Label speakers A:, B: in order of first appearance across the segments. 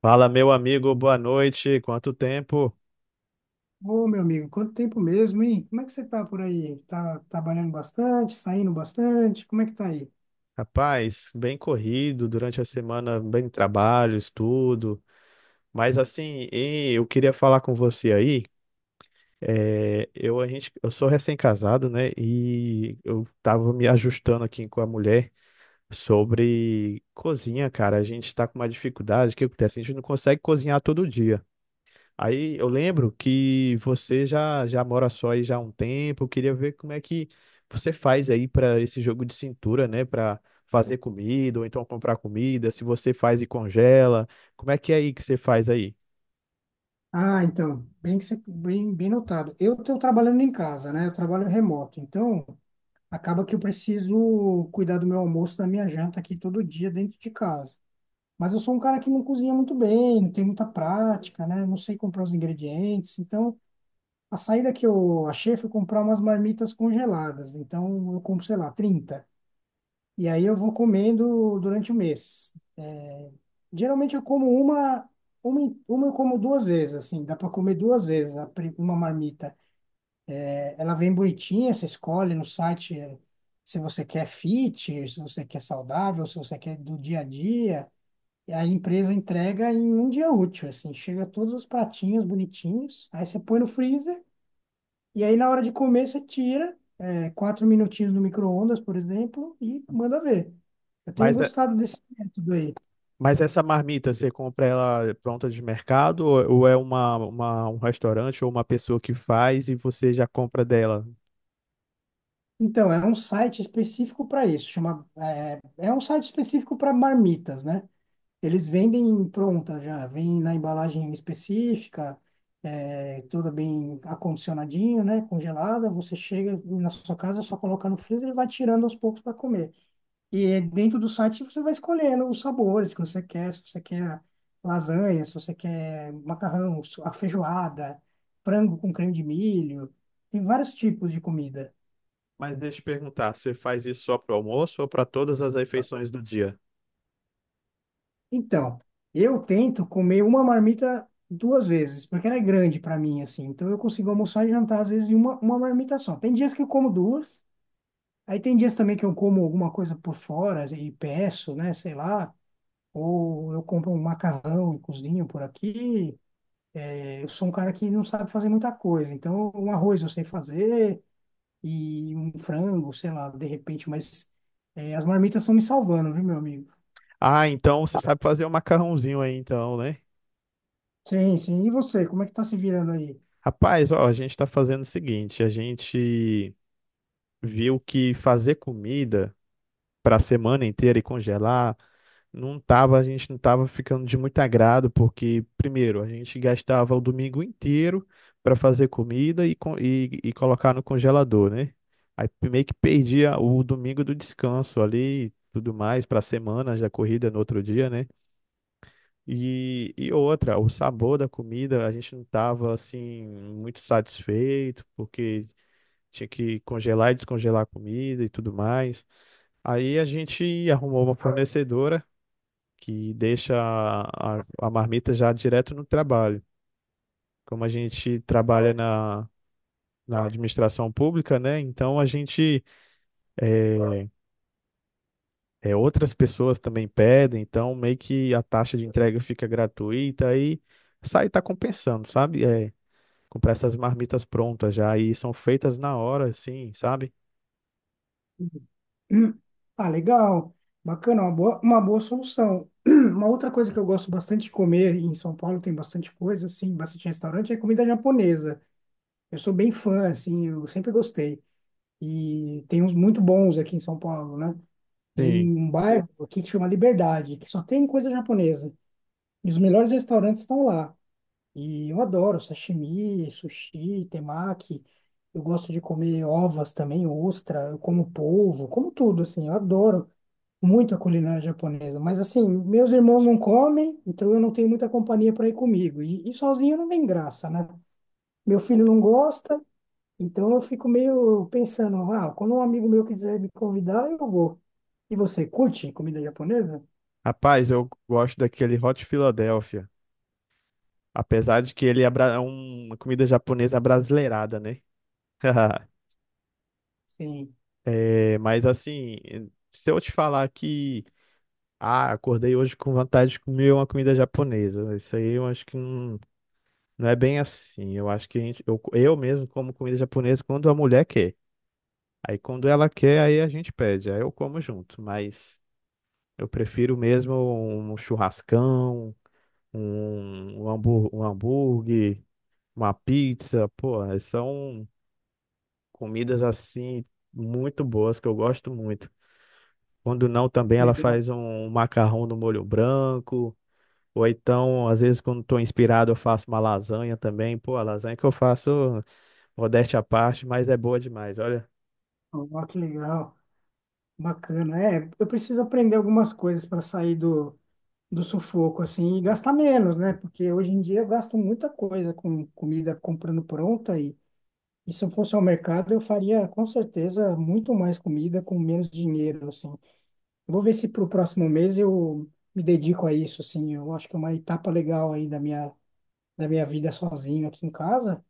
A: Fala, meu amigo, boa noite. Quanto tempo?
B: Ô, meu amigo, quanto tempo mesmo, hein? Como é que você tá por aí? Tá trabalhando bastante, saindo bastante? Como é que tá aí?
A: Rapaz, bem corrido durante a semana, bem trabalho, estudo. Mas assim, e eu queria falar com você aí. Eu, a gente, eu sou recém-casado, né? E eu tava me ajustando aqui com a mulher sobre cozinha, cara. A gente tá com uma dificuldade. O que acontece? A gente não consegue cozinhar todo dia. Aí eu lembro que você já mora só aí já há um tempo. Eu queria ver como é que você faz aí para esse jogo de cintura, né? Para fazer comida ou então comprar comida. Se você faz e congela, como é que é aí que você faz aí?
B: Ah, então, bem, notado. Eu estou trabalhando em casa, né? Eu trabalho remoto, então acaba que eu preciso cuidar do meu almoço, da minha janta aqui todo dia dentro de casa. Mas eu sou um cara que não cozinha muito bem, não tem muita prática, né? Não sei comprar os ingredientes, então a saída que eu achei foi comprar umas marmitas congeladas. Então eu compro, sei lá, 30. E aí eu vou comendo durante o mês. É, Geralmente eu como uma, eu como duas vezes, assim, dá para comer duas vezes uma marmita. É, ela vem bonitinha, você escolhe no site, se você quer fit, se você quer saudável, se você quer do dia a dia. E a empresa entrega em um dia útil, assim, chega todos os pratinhos bonitinhos, aí você põe no freezer e aí na hora de comer você tira, quatro minutinhos no micro-ondas, por exemplo, e manda ver. Eu tenho
A: Mas, é-
B: gostado desse método aí.
A: mas essa marmita, você compra ela pronta de mercado ou é uma, um restaurante ou uma pessoa que faz e você já compra dela?
B: Então, é um site específico para isso. Chama, é um site específico para marmitas, né? Eles vendem pronta já, vem na embalagem específica, toda bem acondicionadinho, né? Congelada. Você chega na sua casa, só coloca no freezer e vai tirando aos poucos para comer. E é dentro do site você vai escolhendo os sabores que você quer, se você quer lasanha, se você quer a feijoada, frango com creme de milho, tem vários tipos de comida.
A: Mas deixa eu te perguntar, você faz isso só para o almoço ou para todas as refeições do dia?
B: Então, eu tento comer uma marmita duas vezes, porque ela é grande para mim, assim. Então, eu consigo almoçar e jantar, às vezes, em uma marmita só. Tem dias que eu como duas, aí tem dias também que eu como alguma coisa por fora e peço, né, sei lá, ou eu compro um macarrão e cozinho por aqui. Eu sou um cara que não sabe fazer muita coisa. Então, um arroz eu sei fazer e um frango, sei lá, de repente, mas as marmitas estão me salvando, viu, meu amigo?
A: Ah, então você sabe fazer um macarrãozinho aí, então, né?
B: Sim, sim. E você, como é que tá se virando aí?
A: Rapaz, ó, a gente tá fazendo o seguinte: a gente viu que fazer comida pra semana inteira e congelar não tava, a gente não tava ficando de muito agrado, porque, primeiro, a gente gastava o domingo inteiro para fazer comida e e colocar no congelador, né? Aí meio que perdia o domingo do descanso ali e tudo mais para a semana, já corrida no outro dia, né? E outra, o sabor da comida, a gente não estava assim muito satisfeito, porque tinha que congelar e descongelar a comida e tudo mais. Aí a gente arrumou uma fornecedora que deixa a marmita já direto no trabalho. Como a gente trabalha na administração pública, né? Então a gente é, é, outras pessoas também pedem, então meio que a taxa de entrega fica gratuita aí sai tá compensando, sabe? Comprar essas marmitas prontas já e são feitas na hora, assim, sabe?
B: Hum. Ah, legal. Bacana, uma boa solução. Uma outra coisa que eu gosto bastante de comer e em São Paulo, tem bastante coisa, assim, bastante restaurante, é comida japonesa. Eu sou bem fã, assim, eu sempre gostei. E tem uns muito bons aqui em São Paulo, né?
A: Sim.
B: Tem um bairro aqui que chama Liberdade, que só tem coisa japonesa. E os melhores restaurantes estão lá. E eu adoro sashimi, sushi, temaki. Eu gosto de comer ovas também, ostra, eu como polvo, como tudo, assim. Eu adoro muito a culinária japonesa. Mas, assim, meus irmãos não comem, então eu não tenho muita companhia para ir comigo. E sozinho não tem graça, né? Meu filho não gosta, então eu fico meio pensando, ah, quando um amigo meu quiser me convidar, eu vou. E você curte comida japonesa?
A: Rapaz, eu gosto daquele Hot Philadelphia, apesar de que ele é uma comida japonesa brasileirada, né?
B: Sim,
A: É, mas assim, se eu te falar que ah, acordei hoje com vontade de comer uma comida japonesa, isso aí eu acho que não, não é bem assim. Eu acho que a gente, eu mesmo como comida japonesa quando a mulher quer. Aí quando ela quer, aí a gente pede, aí eu como junto, mas eu prefiro mesmo um churrascão, um hambúrguer, uma pizza. Pô, são comidas assim muito boas que eu gosto muito. Quando não, também ela
B: legal.
A: faz um macarrão no molho branco. Ou então, às vezes, quando estou inspirado, eu faço uma lasanha também. Pô, a lasanha que eu faço, modéstia à parte, mas é boa demais. Olha,
B: Ó, que legal, bacana. É, eu preciso aprender algumas coisas para sair do sufoco, assim, e gastar menos, né? Porque hoje em dia eu gasto muita coisa com comida comprando pronta e se eu fosse ao mercado, eu faria com certeza muito mais comida com menos dinheiro, assim. Vou ver se para o próximo mês eu me dedico a isso, assim. Eu acho que é uma etapa legal aí da minha vida sozinho aqui em casa.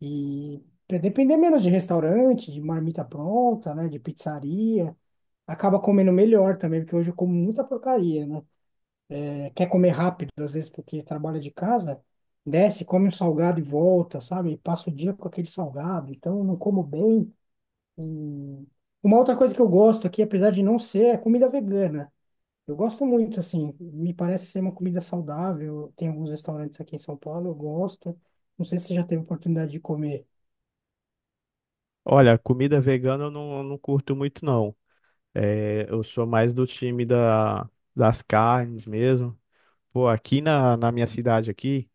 B: E para depender menos de restaurante, de marmita pronta, né? De pizzaria. Acaba comendo melhor também, porque hoje eu como muita porcaria, né? Quer comer rápido, às vezes, porque trabalha de casa, desce, come um salgado e volta, sabe? E passa o dia com aquele salgado. Então, eu não como bem. E uma outra coisa que eu gosto aqui, apesar de não ser, é comida vegana. Eu gosto muito, assim, me parece ser uma comida saudável. Tem alguns restaurantes aqui em São Paulo, eu gosto. Não sei se você já teve oportunidade de comer.
A: olha, comida vegana eu não, não curto muito, não. É, eu sou mais do time das carnes mesmo. Pô, aqui na minha cidade aqui,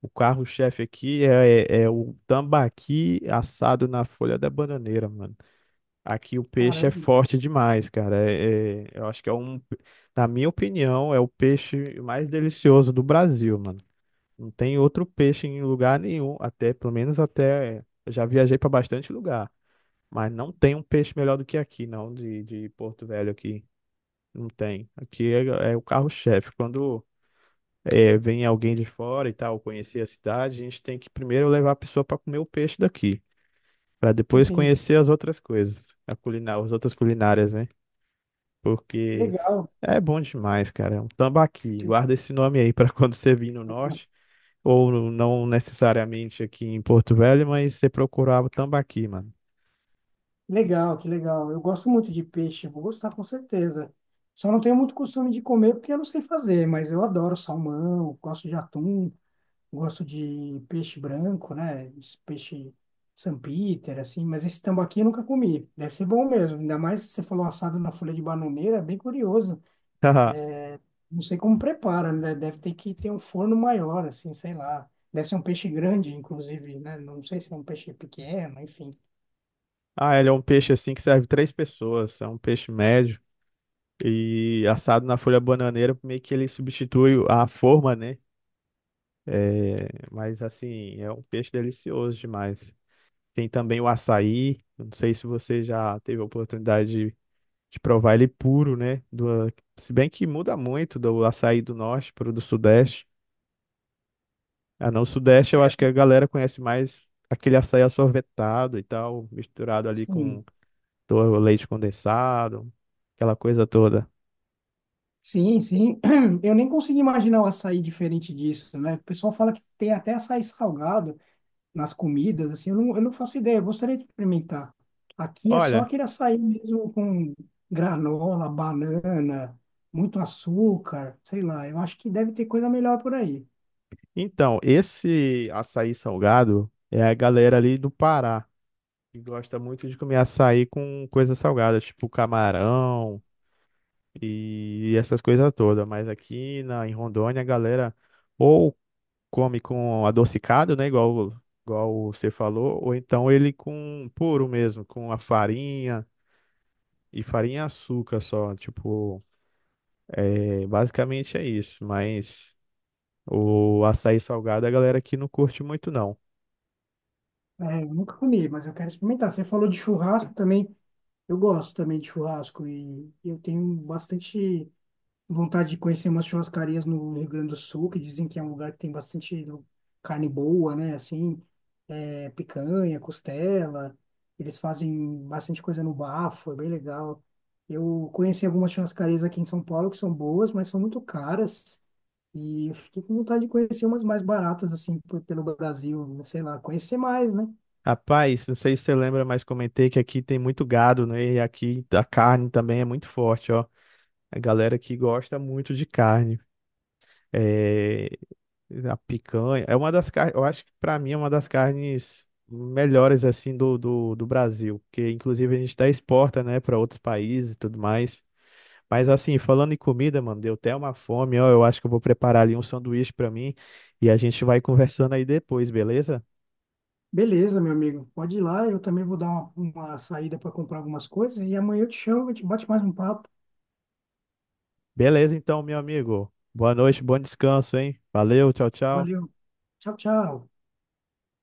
A: o carro-chefe aqui é, é o tambaqui assado na folha da bananeira, mano. Aqui o peixe é
B: Caramba,
A: forte demais, cara. Eu acho que é na minha opinião, é o peixe mais delicioso do Brasil, mano. Não tem outro peixe em lugar nenhum, até, pelo menos até, eu já viajei pra bastante lugar, mas não tem um peixe melhor do que aqui, não, de Porto Velho aqui. Não tem. Aqui é, é o carro-chefe. Quando é, vem alguém de fora e tal, conhecer a cidade, a gente tem que primeiro levar a pessoa para comer o peixe daqui, para depois
B: entendi.
A: conhecer as outras coisas, a culinária, as outras culinárias, né? Porque
B: Legal,
A: é bom demais, cara. É um tambaqui.
B: que
A: Guarda esse nome aí para quando você vir no norte, ou não necessariamente aqui em Porto Velho, mas você procurar o tambaqui, mano.
B: que legal. Eu gosto muito de peixe, vou gostar com certeza. Só não tenho muito costume de comer porque eu não sei fazer, mas eu adoro salmão, gosto de atum, gosto de peixe branco, né? Esse peixe Sampiter, assim, mas esse tambaqui eu nunca comi. Deve ser bom mesmo, ainda mais se você falou assado na folha de bananeira, é bem curioso. Não sei como prepara, né? Deve ter que ter um forno maior, assim, sei lá. Deve ser um peixe grande, inclusive, né? Não sei se é um peixe pequeno, enfim.
A: Ah, ele é um peixe assim que serve três pessoas, é um peixe médio. E assado na folha bananeira, meio que ele substitui a forma, né? É, mas assim, é um peixe delicioso demais. Tem também o açaí. Eu Não sei se você já teve a oportunidade de provar ele puro, né? Do, se bem que muda muito do açaí do norte para o do sudeste. Ah, não, o sudeste eu acho que a galera conhece mais aquele açaí assorvetado e tal, misturado ali
B: Sim,
A: com leite condensado, aquela coisa toda.
B: sim. Eu nem consigo imaginar o açaí diferente disso, né? O pessoal fala que tem até açaí salgado nas comidas, assim, eu não faço ideia, eu gostaria de experimentar. Aqui é só
A: Olha,
B: aquele açaí mesmo com granola, banana, muito açúcar, sei lá. Eu acho que deve ter coisa melhor por aí.
A: então, esse açaí salgado é a galera ali do Pará. E gosta muito de comer açaí com coisas salgadas, tipo camarão e essas coisas todas. Mas aqui em Rondônia, a galera ou come com adocicado, né? Igual, igual você falou, ou então ele com puro mesmo, com a farinha e açúcar só. Tipo, é, basicamente é isso. Mas o açaí salgado a galera aqui não curte muito, não.
B: É, eu nunca comi, mas eu quero experimentar. Você falou de churrasco também. Eu gosto também de churrasco e eu tenho bastante vontade de conhecer umas churrascarias no Rio Grande do Sul, que dizem que é um lugar que tem bastante carne boa, né? Assim, é, picanha, costela. Eles fazem bastante coisa no bafo, é bem legal. Eu conheci algumas churrascarias aqui em São Paulo que são boas, mas são muito caras. E eu fiquei com vontade de conhecer umas mais baratas, assim, pelo Brasil, né, sei lá, conhecer mais, né?
A: Rapaz, não sei se você lembra, mas comentei que aqui tem muito gado, né? E aqui a carne também é muito forte, ó. A galera que gosta muito de carne. É... A picanha. É uma das carnes, eu acho que pra mim é uma das carnes melhores, assim, do Brasil. Porque, inclusive, a gente até exporta, né, para outros países e tudo mais. Mas, assim, falando em comida, mano, deu até uma fome, ó. Eu acho que eu vou preparar ali um sanduíche pra mim e a gente vai conversando aí depois, beleza?
B: Beleza, meu amigo. Pode ir lá, eu também vou dar uma saída para comprar algumas coisas e amanhã eu te chamo, a gente bate mais um papo.
A: Beleza, então, meu amigo. Boa noite, bom descanso, hein? Valeu, tchau, tchau.
B: Valeu. Tchau, tchau.